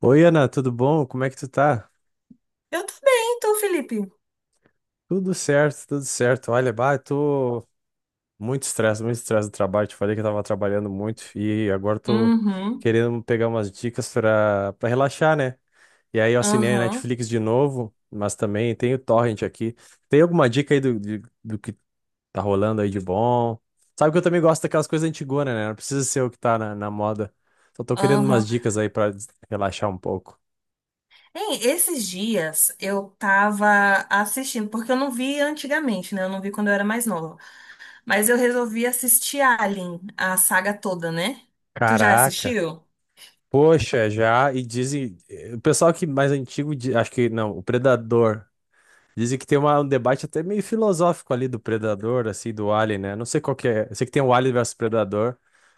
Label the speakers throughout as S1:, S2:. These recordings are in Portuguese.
S1: Oi, Ana, tudo bom? Como é que tu tá?
S2: Eu tô bem, tô, Felipe.
S1: Tudo certo, tudo certo. Olha, bah, eu tô muito estresse do trabalho. Te falei que eu tava trabalhando muito e agora eu tô
S2: Uhum,
S1: querendo pegar umas dicas pra relaxar, né? E aí eu assinei a
S2: uhum,
S1: Netflix de novo, mas também tem o Torrent aqui. Tem alguma dica aí do que tá rolando aí de bom? Sabe que eu também gosto daquelas coisas antigonas, né? Não precisa ser o que tá na moda. Só tô querendo umas
S2: uhum.
S1: dicas aí pra relaxar um pouco.
S2: Hein, esses dias eu tava assistindo, porque eu não vi antigamente, né? Eu não vi quando eu era mais nova. Mas eu resolvi assistir Alien, a saga toda, né? Tu já
S1: Caraca!
S2: assistiu?
S1: Poxa, já, e dizem, o pessoal que mais antigo, acho que não, o Predador, dizem que tem um debate até meio filosófico ali do Predador, assim, do Alien, né? Não sei qual que é, eu sei que tem o Alien versus Predador,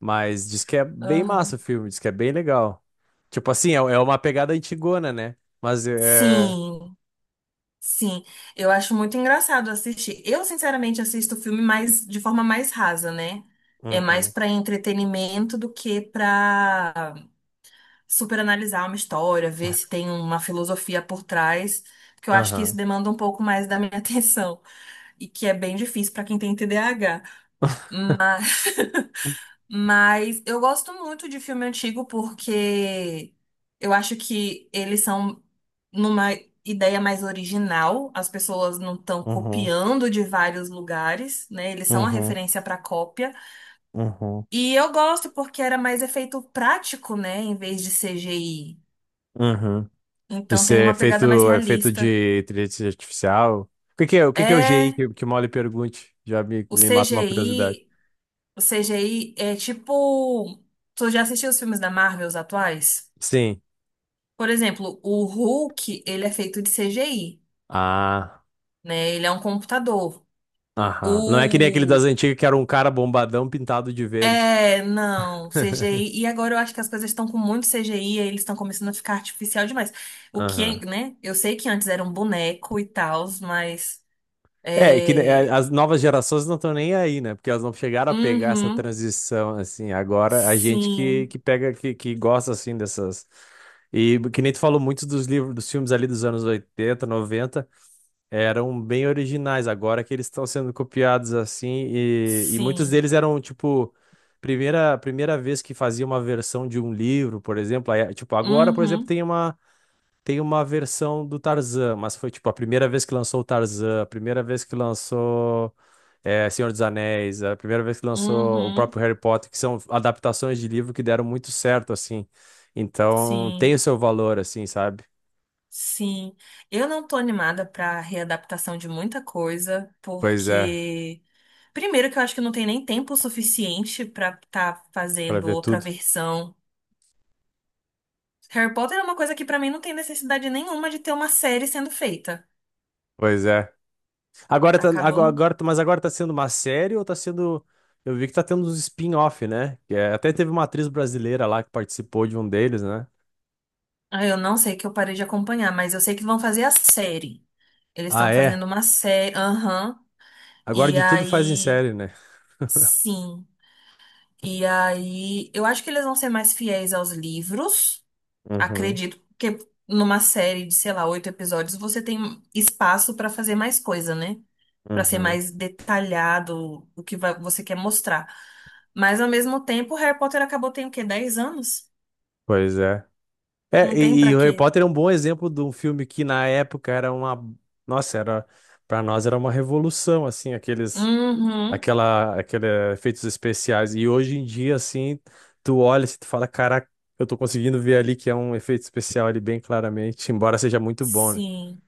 S1: mas diz que é bem massa o
S2: Uhum.
S1: filme, diz que é bem legal. Tipo assim, é uma pegada antigona, né? Mas é...
S2: Sim, sim. Eu acho muito engraçado assistir. Eu, sinceramente, assisto filme mais, de forma mais rasa, né? É mais
S1: Uhum,
S2: pra entretenimento do que pra super analisar uma história, ver se tem uma filosofia por trás, porque eu acho que isso
S1: aham,
S2: demanda um pouco mais da minha atenção e que é bem difícil para quem tem TDAH. Mas eu gosto muito de filme antigo porque eu acho que eles são numa ideia mais original, as pessoas não estão
S1: uhum,
S2: copiando de vários lugares, né? Eles são a
S1: uhum,
S2: referência para cópia.
S1: uhum, uhum,
S2: E eu gosto porque era mais efeito prático, né, em vez de CGI.
S1: uhum. De
S2: Então tem
S1: ser
S2: uma pegada mais
S1: feito, é feito
S2: realista.
S1: de inteligência artificial. O que que é o GI
S2: É,
S1: que o Molly pergunte? Já me,
S2: o
S1: me mata uma curiosidade.
S2: CGI é tipo, tu já assistiu os filmes da Marvel, os atuais?
S1: Sim.
S2: Por exemplo, o Hulk, ele é feito de CGI,
S1: Ah,
S2: né? Ele é um computador.
S1: aham. Não é que nem aquele das
S2: O
S1: antigas que era um cara bombadão pintado de verde.
S2: É, não, CGI. E agora eu acho que as coisas estão com muito CGI, aí eles estão começando a ficar artificial demais. O que, é,
S1: Aham.
S2: né? Eu sei que antes era um boneco e tal, mas
S1: É, que é,
S2: é,
S1: as novas gerações não estão nem aí, né? Porque elas não chegaram a pegar essa
S2: uhum,
S1: transição, assim. Agora, a gente que,
S2: sim.
S1: que pega, que gosta, assim, dessas... E que nem tu falou muito dos livros, dos filmes ali dos anos 80 90 eram bem originais, agora que eles estão sendo copiados assim, e muitos
S2: Sim.
S1: deles eram, tipo, primeira vez que fazia uma versão de um livro, por exemplo, aí, tipo, agora, por exemplo,
S2: Uhum,
S1: tem uma versão do Tarzan, mas foi, tipo, a primeira vez que lançou o Tarzan, a primeira vez que lançou Senhor dos Anéis, a primeira vez que lançou o
S2: uhum,
S1: próprio Harry Potter, que são adaptações de livro que deram muito certo, assim, então
S2: sim,
S1: tem o seu valor, assim, sabe?
S2: sim. Eu não tô animada pra readaptação de muita coisa,
S1: Pois é,
S2: porque primeiro que eu acho que não tem nem tempo suficiente pra tá
S1: para
S2: fazendo
S1: ver
S2: outra
S1: tudo.
S2: versão. Harry Potter é uma coisa que pra mim não tem necessidade nenhuma de ter uma série sendo feita.
S1: Pois é. Agora tá, agora,
S2: Acabou.
S1: agora tá- Mas agora tá sendo uma série ou tá sendo. Eu vi que tá tendo uns spin-off, né? Até teve uma atriz brasileira lá que participou de um deles, né?
S2: Ah, eu não sei que eu parei de acompanhar, mas eu sei que vão fazer a série. Eles
S1: Ah,
S2: estão
S1: é?
S2: fazendo uma série, aham.
S1: Agora
S2: E
S1: de tudo faz em
S2: aí,
S1: série, né?
S2: sim. E aí, eu acho que eles vão ser mais fiéis aos livros,
S1: Uhum,
S2: acredito, porque numa série de, sei lá, oito episódios, você tem espaço pra fazer mais coisa, né? Pra ser
S1: uhum.
S2: mais detalhado o que você quer mostrar. Mas ao mesmo tempo, Harry Potter acabou tem o quê? 10 anos?
S1: Pois é. É,
S2: Não tem
S1: e
S2: pra
S1: o Harry
S2: quê?
S1: Potter é um bom exemplo de um filme que na época era uma. Nossa, era. Pra nós era uma revolução, assim, aqueles.
S2: Uhum.
S1: Aquele efeitos especiais. E hoje em dia, assim, tu olha e tu fala, caraca, eu tô conseguindo ver ali que é um efeito especial ali bem claramente, embora seja muito bom, né?
S2: Sim.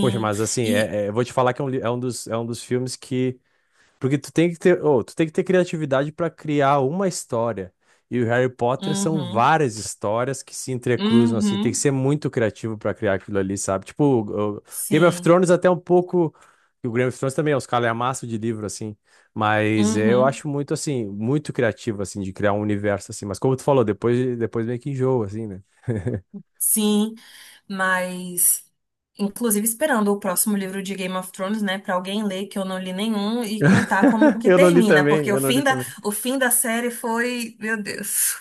S1: Poxa, mas assim,
S2: E
S1: eu vou te falar que é é é um dos filmes que porque tu tem que ter, ô, tu tem que ter criatividade para criar uma história. E o Harry Potter são
S2: uhum.
S1: várias histórias que se entrecruzam, assim. Tem que
S2: Uhum.
S1: ser muito criativo para criar aquilo ali, sabe? Tipo, o Game of
S2: Sim.
S1: Thrones até um pouco. E o Game of Thrones também é uns calhamaços de livro, assim. Mas eu
S2: Uhum.
S1: acho muito, assim, muito criativo, assim, de criar um universo, assim. Mas como tu falou, depois, depois meio que enjoa, assim, né?
S2: Sim. Mas, inclusive, esperando o próximo livro de Game of Thrones, né, pra alguém ler, que eu não li nenhum, e contar como que
S1: Eu não li
S2: termina,
S1: também,
S2: porque o
S1: eu não li
S2: fim da,
S1: também.
S2: o fim da série foi, meu Deus.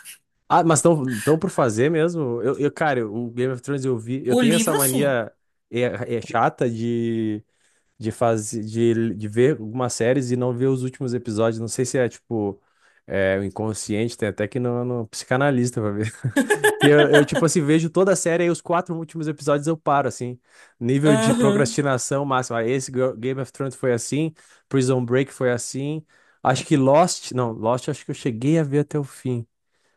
S1: Ah, mas estão tão por fazer mesmo? Cara, o Game of Thrones eu vi. Eu
S2: O
S1: tenho essa
S2: livro, sim.
S1: mania é, é chata de ver algumas séries e não ver os últimos episódios. Não sei se é tipo. É, o inconsciente, tem até que no, no psicanalista pra ver. Tipo assim, vejo toda a série e os quatro últimos episódios eu paro, assim. Nível de
S2: Aham.
S1: procrastinação máximo. Ah, Game of Thrones foi assim, Prison Break foi assim. Acho que Lost, não, Lost acho que eu cheguei a ver até o fim.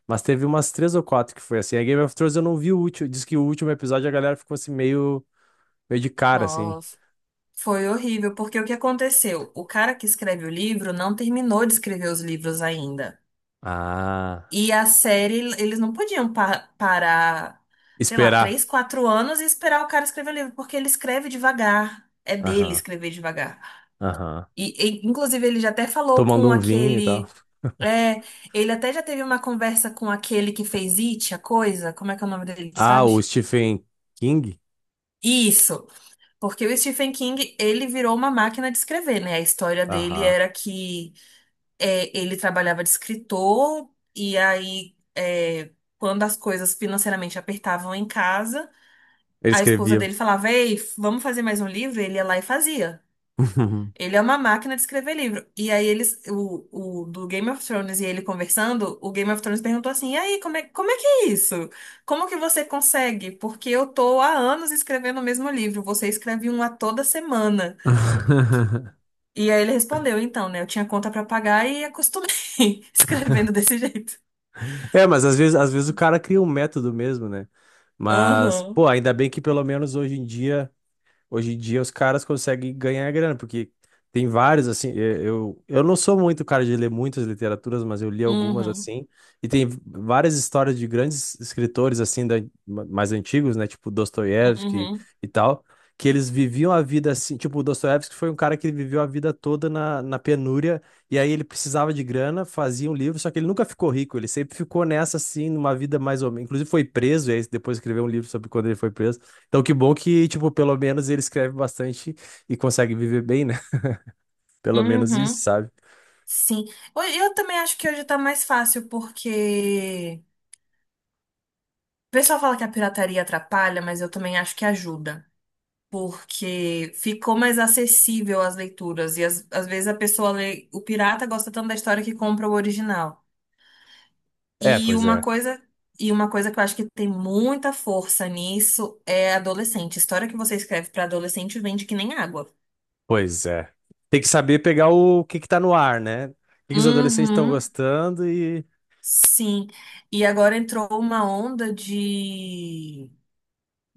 S1: Mas teve umas três ou quatro que foi assim. A Game of Thrones eu não vi o último. Diz que o último episódio a galera ficou assim meio, de cara, assim.
S2: Nossa, foi horrível, porque o que aconteceu? O cara que escreve o livro não terminou de escrever os livros ainda.
S1: Ah,
S2: E a série, eles não podiam parar, sei lá, três,
S1: esperar.
S2: quatro anos e esperar o cara escrever o livro, porque ele escreve devagar. É dele
S1: Aham,
S2: escrever devagar.
S1: aham.
S2: E, inclusive, ele já até falou
S1: Tomando
S2: com
S1: um vinho e tal.
S2: aquele. É, ele até já teve uma conversa com aquele que fez It, a coisa. Como é que é o nome dele,
S1: Ah, o
S2: sabes?
S1: Stephen King?
S2: Isso, porque o Stephen King, ele virou uma máquina de escrever, né? A história dele
S1: Aham.
S2: era que ele trabalhava de escritor, e aí, quando as coisas financeiramente apertavam em casa,
S1: Ele
S2: a esposa
S1: escrevia.
S2: dele falava: "Ei, vamos fazer mais um livro?" Ele ia lá e fazia. Ele é uma máquina de escrever livro. E aí eles, o do Game of Thrones e ele conversando, o Game of Thrones perguntou assim: "E aí, como é que é isso? Como que você consegue? Porque eu tô há anos escrevendo o mesmo livro, você escreve um a toda semana". E aí ele respondeu: "Então, né, eu tinha conta pra pagar e acostumei escrevendo desse jeito".
S1: É, mas às vezes o cara cria um método mesmo, né? Mas,
S2: Aham.
S1: pô, ainda bem que pelo menos hoje em dia. Hoje em dia os caras conseguem ganhar grana, porque tem vários, assim, eu não sou muito cara de ler muitas literaturas, mas eu li algumas,
S2: Uhum.
S1: assim, e tem várias histórias de grandes escritores, assim, mais antigos, né, tipo Dostoiévski
S2: Uhum.
S1: e tal, que eles viviam a vida assim, tipo, o Dostoiévski foi um cara que ele viveu a vida toda na, na penúria, e aí ele precisava de grana, fazia um livro, só que ele nunca ficou rico, ele sempre ficou nessa, assim, numa vida mais ou menos, inclusive foi preso, e aí depois escreveu um livro sobre quando ele foi preso, então, que bom que, tipo, pelo menos ele escreve bastante e consegue viver bem, né? Pelo menos isso,
S2: Uhum.
S1: sabe?
S2: Sim. Eu também acho que hoje tá mais fácil porque o pessoal fala que a pirataria atrapalha, mas eu também acho que ajuda, porque ficou mais acessível as leituras e às vezes a pessoa lê, o pirata gosta tanto da história que compra o original.
S1: É,
S2: E
S1: pois
S2: uma
S1: é.
S2: coisa, e uma coisa que eu acho que tem muita força nisso é adolescente. História que você escreve para adolescente vende que nem água.
S1: Pois é. Tem que saber pegar o que que tá no ar, né? O que que os adolescentes estão
S2: Uhum,
S1: gostando e...
S2: sim. E agora entrou uma onda de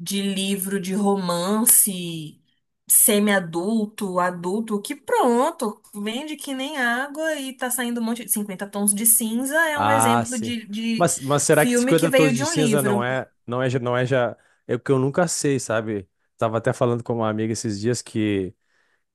S2: livro de romance semi-adulto, adulto, que pronto, vende que nem água e tá saindo um monte de 50 tons de cinza é um
S1: Ah,
S2: exemplo
S1: sim.
S2: de
S1: Mas, será que
S2: filme que
S1: 50
S2: veio
S1: tons
S2: de
S1: de
S2: um
S1: cinza não
S2: livro.
S1: é, não é, já- não é já... É o que eu nunca sei, sabe? Tava até falando com uma amiga esses dias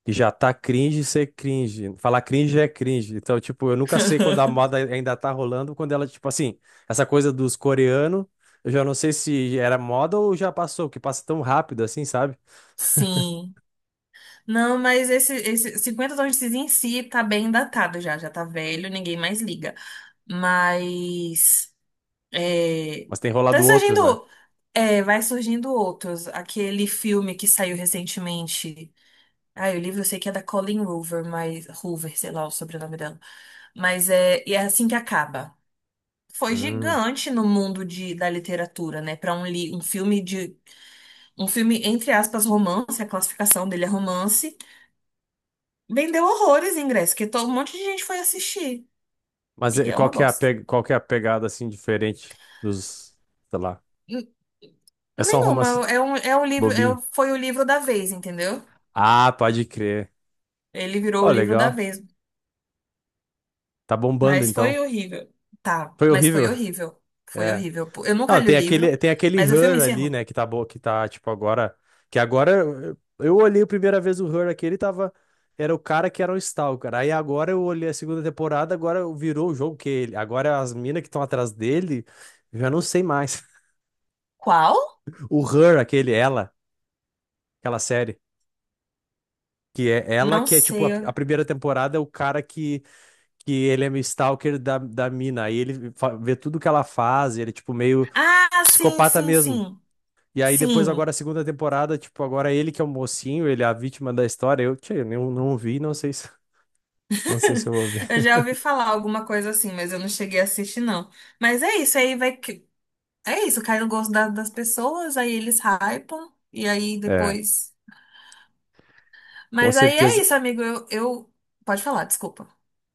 S1: que já tá cringe ser cringe. Falar cringe é cringe. Então, tipo, eu nunca sei quando a moda ainda tá rolando, quando ela, tipo assim, essa coisa dos coreanos, eu já não sei se era moda ou já passou, que passa tão rápido assim, sabe?
S2: Sim. Não, mas esse 50 tons de cinza em si tá bem datado já, já tá velho, ninguém mais liga. Mas é,
S1: Mas tem
S2: tá
S1: rolado outros, né?
S2: surgindo, é, vai surgindo outros. Aquele filme que saiu recentemente. Ah, o livro eu sei que é da Colleen Hoover, mas Hoover, sei lá o sobrenome dela. Mas é, e é assim que acaba. Foi
S1: Hum.
S2: gigante no mundo de, da literatura, né? Para um, um filme de um filme entre aspas romance, a classificação dele é romance, vendeu horrores em ingresso, que todo um monte de gente foi assistir
S1: Mas
S2: e é
S1: qual
S2: uma
S1: que é
S2: bosta.
S1: qual que é a pegada, assim, diferente dos, sei lá,
S2: N-
S1: é só um romance
S2: Nenhuma, é um livro,
S1: bobinho.
S2: é, foi o livro da vez, entendeu?
S1: Ah, pode crer.
S2: Ele virou o
S1: Ó,
S2: livro da
S1: legal.
S2: vez,
S1: Tá bombando,
S2: mas foi
S1: então.
S2: horrível. Tá,
S1: Foi
S2: mas foi
S1: horrível.
S2: horrível. Foi
S1: É.
S2: horrível. Eu nunca
S1: Ah,
S2: li o
S1: tem aquele,
S2: livro, mas o filme
S1: Her ali,
S2: encerrou.
S1: né, que tá boa, que tá, tipo, agora. Que agora eu olhei a primeira vez o Her aqui, ele tava. Era o cara que era um Stalker. Aí agora eu olhei a segunda temporada, agora virou o jogo que ele. Agora as minas que estão atrás dele, eu já não sei mais.
S2: Qual?
S1: O Her, aquele, ela, aquela série. Que é ela
S2: Não
S1: que é tipo
S2: sei.
S1: a primeira temporada é o cara que ele é meio stalker da, da mina. Aí ele vê tudo que ela faz, ele é tipo meio
S2: Ah, sim,
S1: psicopata
S2: sim,
S1: mesmo.
S2: sim.
S1: E aí depois
S2: Sim.
S1: agora a segunda temporada, tipo, agora é ele que é o mocinho, ele é a vítima da história. Eu, tchê, eu não, não vi, não sei se, não sei se eu vou ver.
S2: Eu já ouvi falar alguma coisa assim, mas eu não cheguei a assistir, não. Mas é isso, aí vai que. É isso, cai no gosto das pessoas, aí eles hypam, e aí
S1: É,
S2: depois.
S1: com
S2: Mas aí é
S1: certeza.
S2: isso, amigo. Eu. Pode falar, desculpa.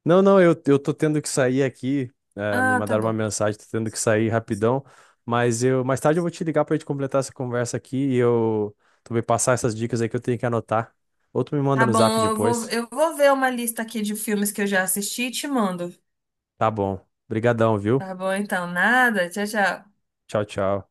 S1: Não, não, eu tô tendo que sair aqui. É, me
S2: Ah, tá
S1: mandaram uma
S2: bom.
S1: mensagem, tô tendo que sair rapidão. Mas eu, mais tarde eu vou te ligar pra gente completar essa conversa aqui e eu tu vai passar essas dicas aí que eu tenho que anotar. Ou tu me manda
S2: Tá
S1: no zap
S2: bom, eu vou,
S1: depois.
S2: eu vou ver uma lista aqui de filmes que eu já assisti e te mando.
S1: Tá bom. Obrigadão, viu?
S2: Tá bom, então, nada. Tchau, tchau.
S1: Tchau, tchau.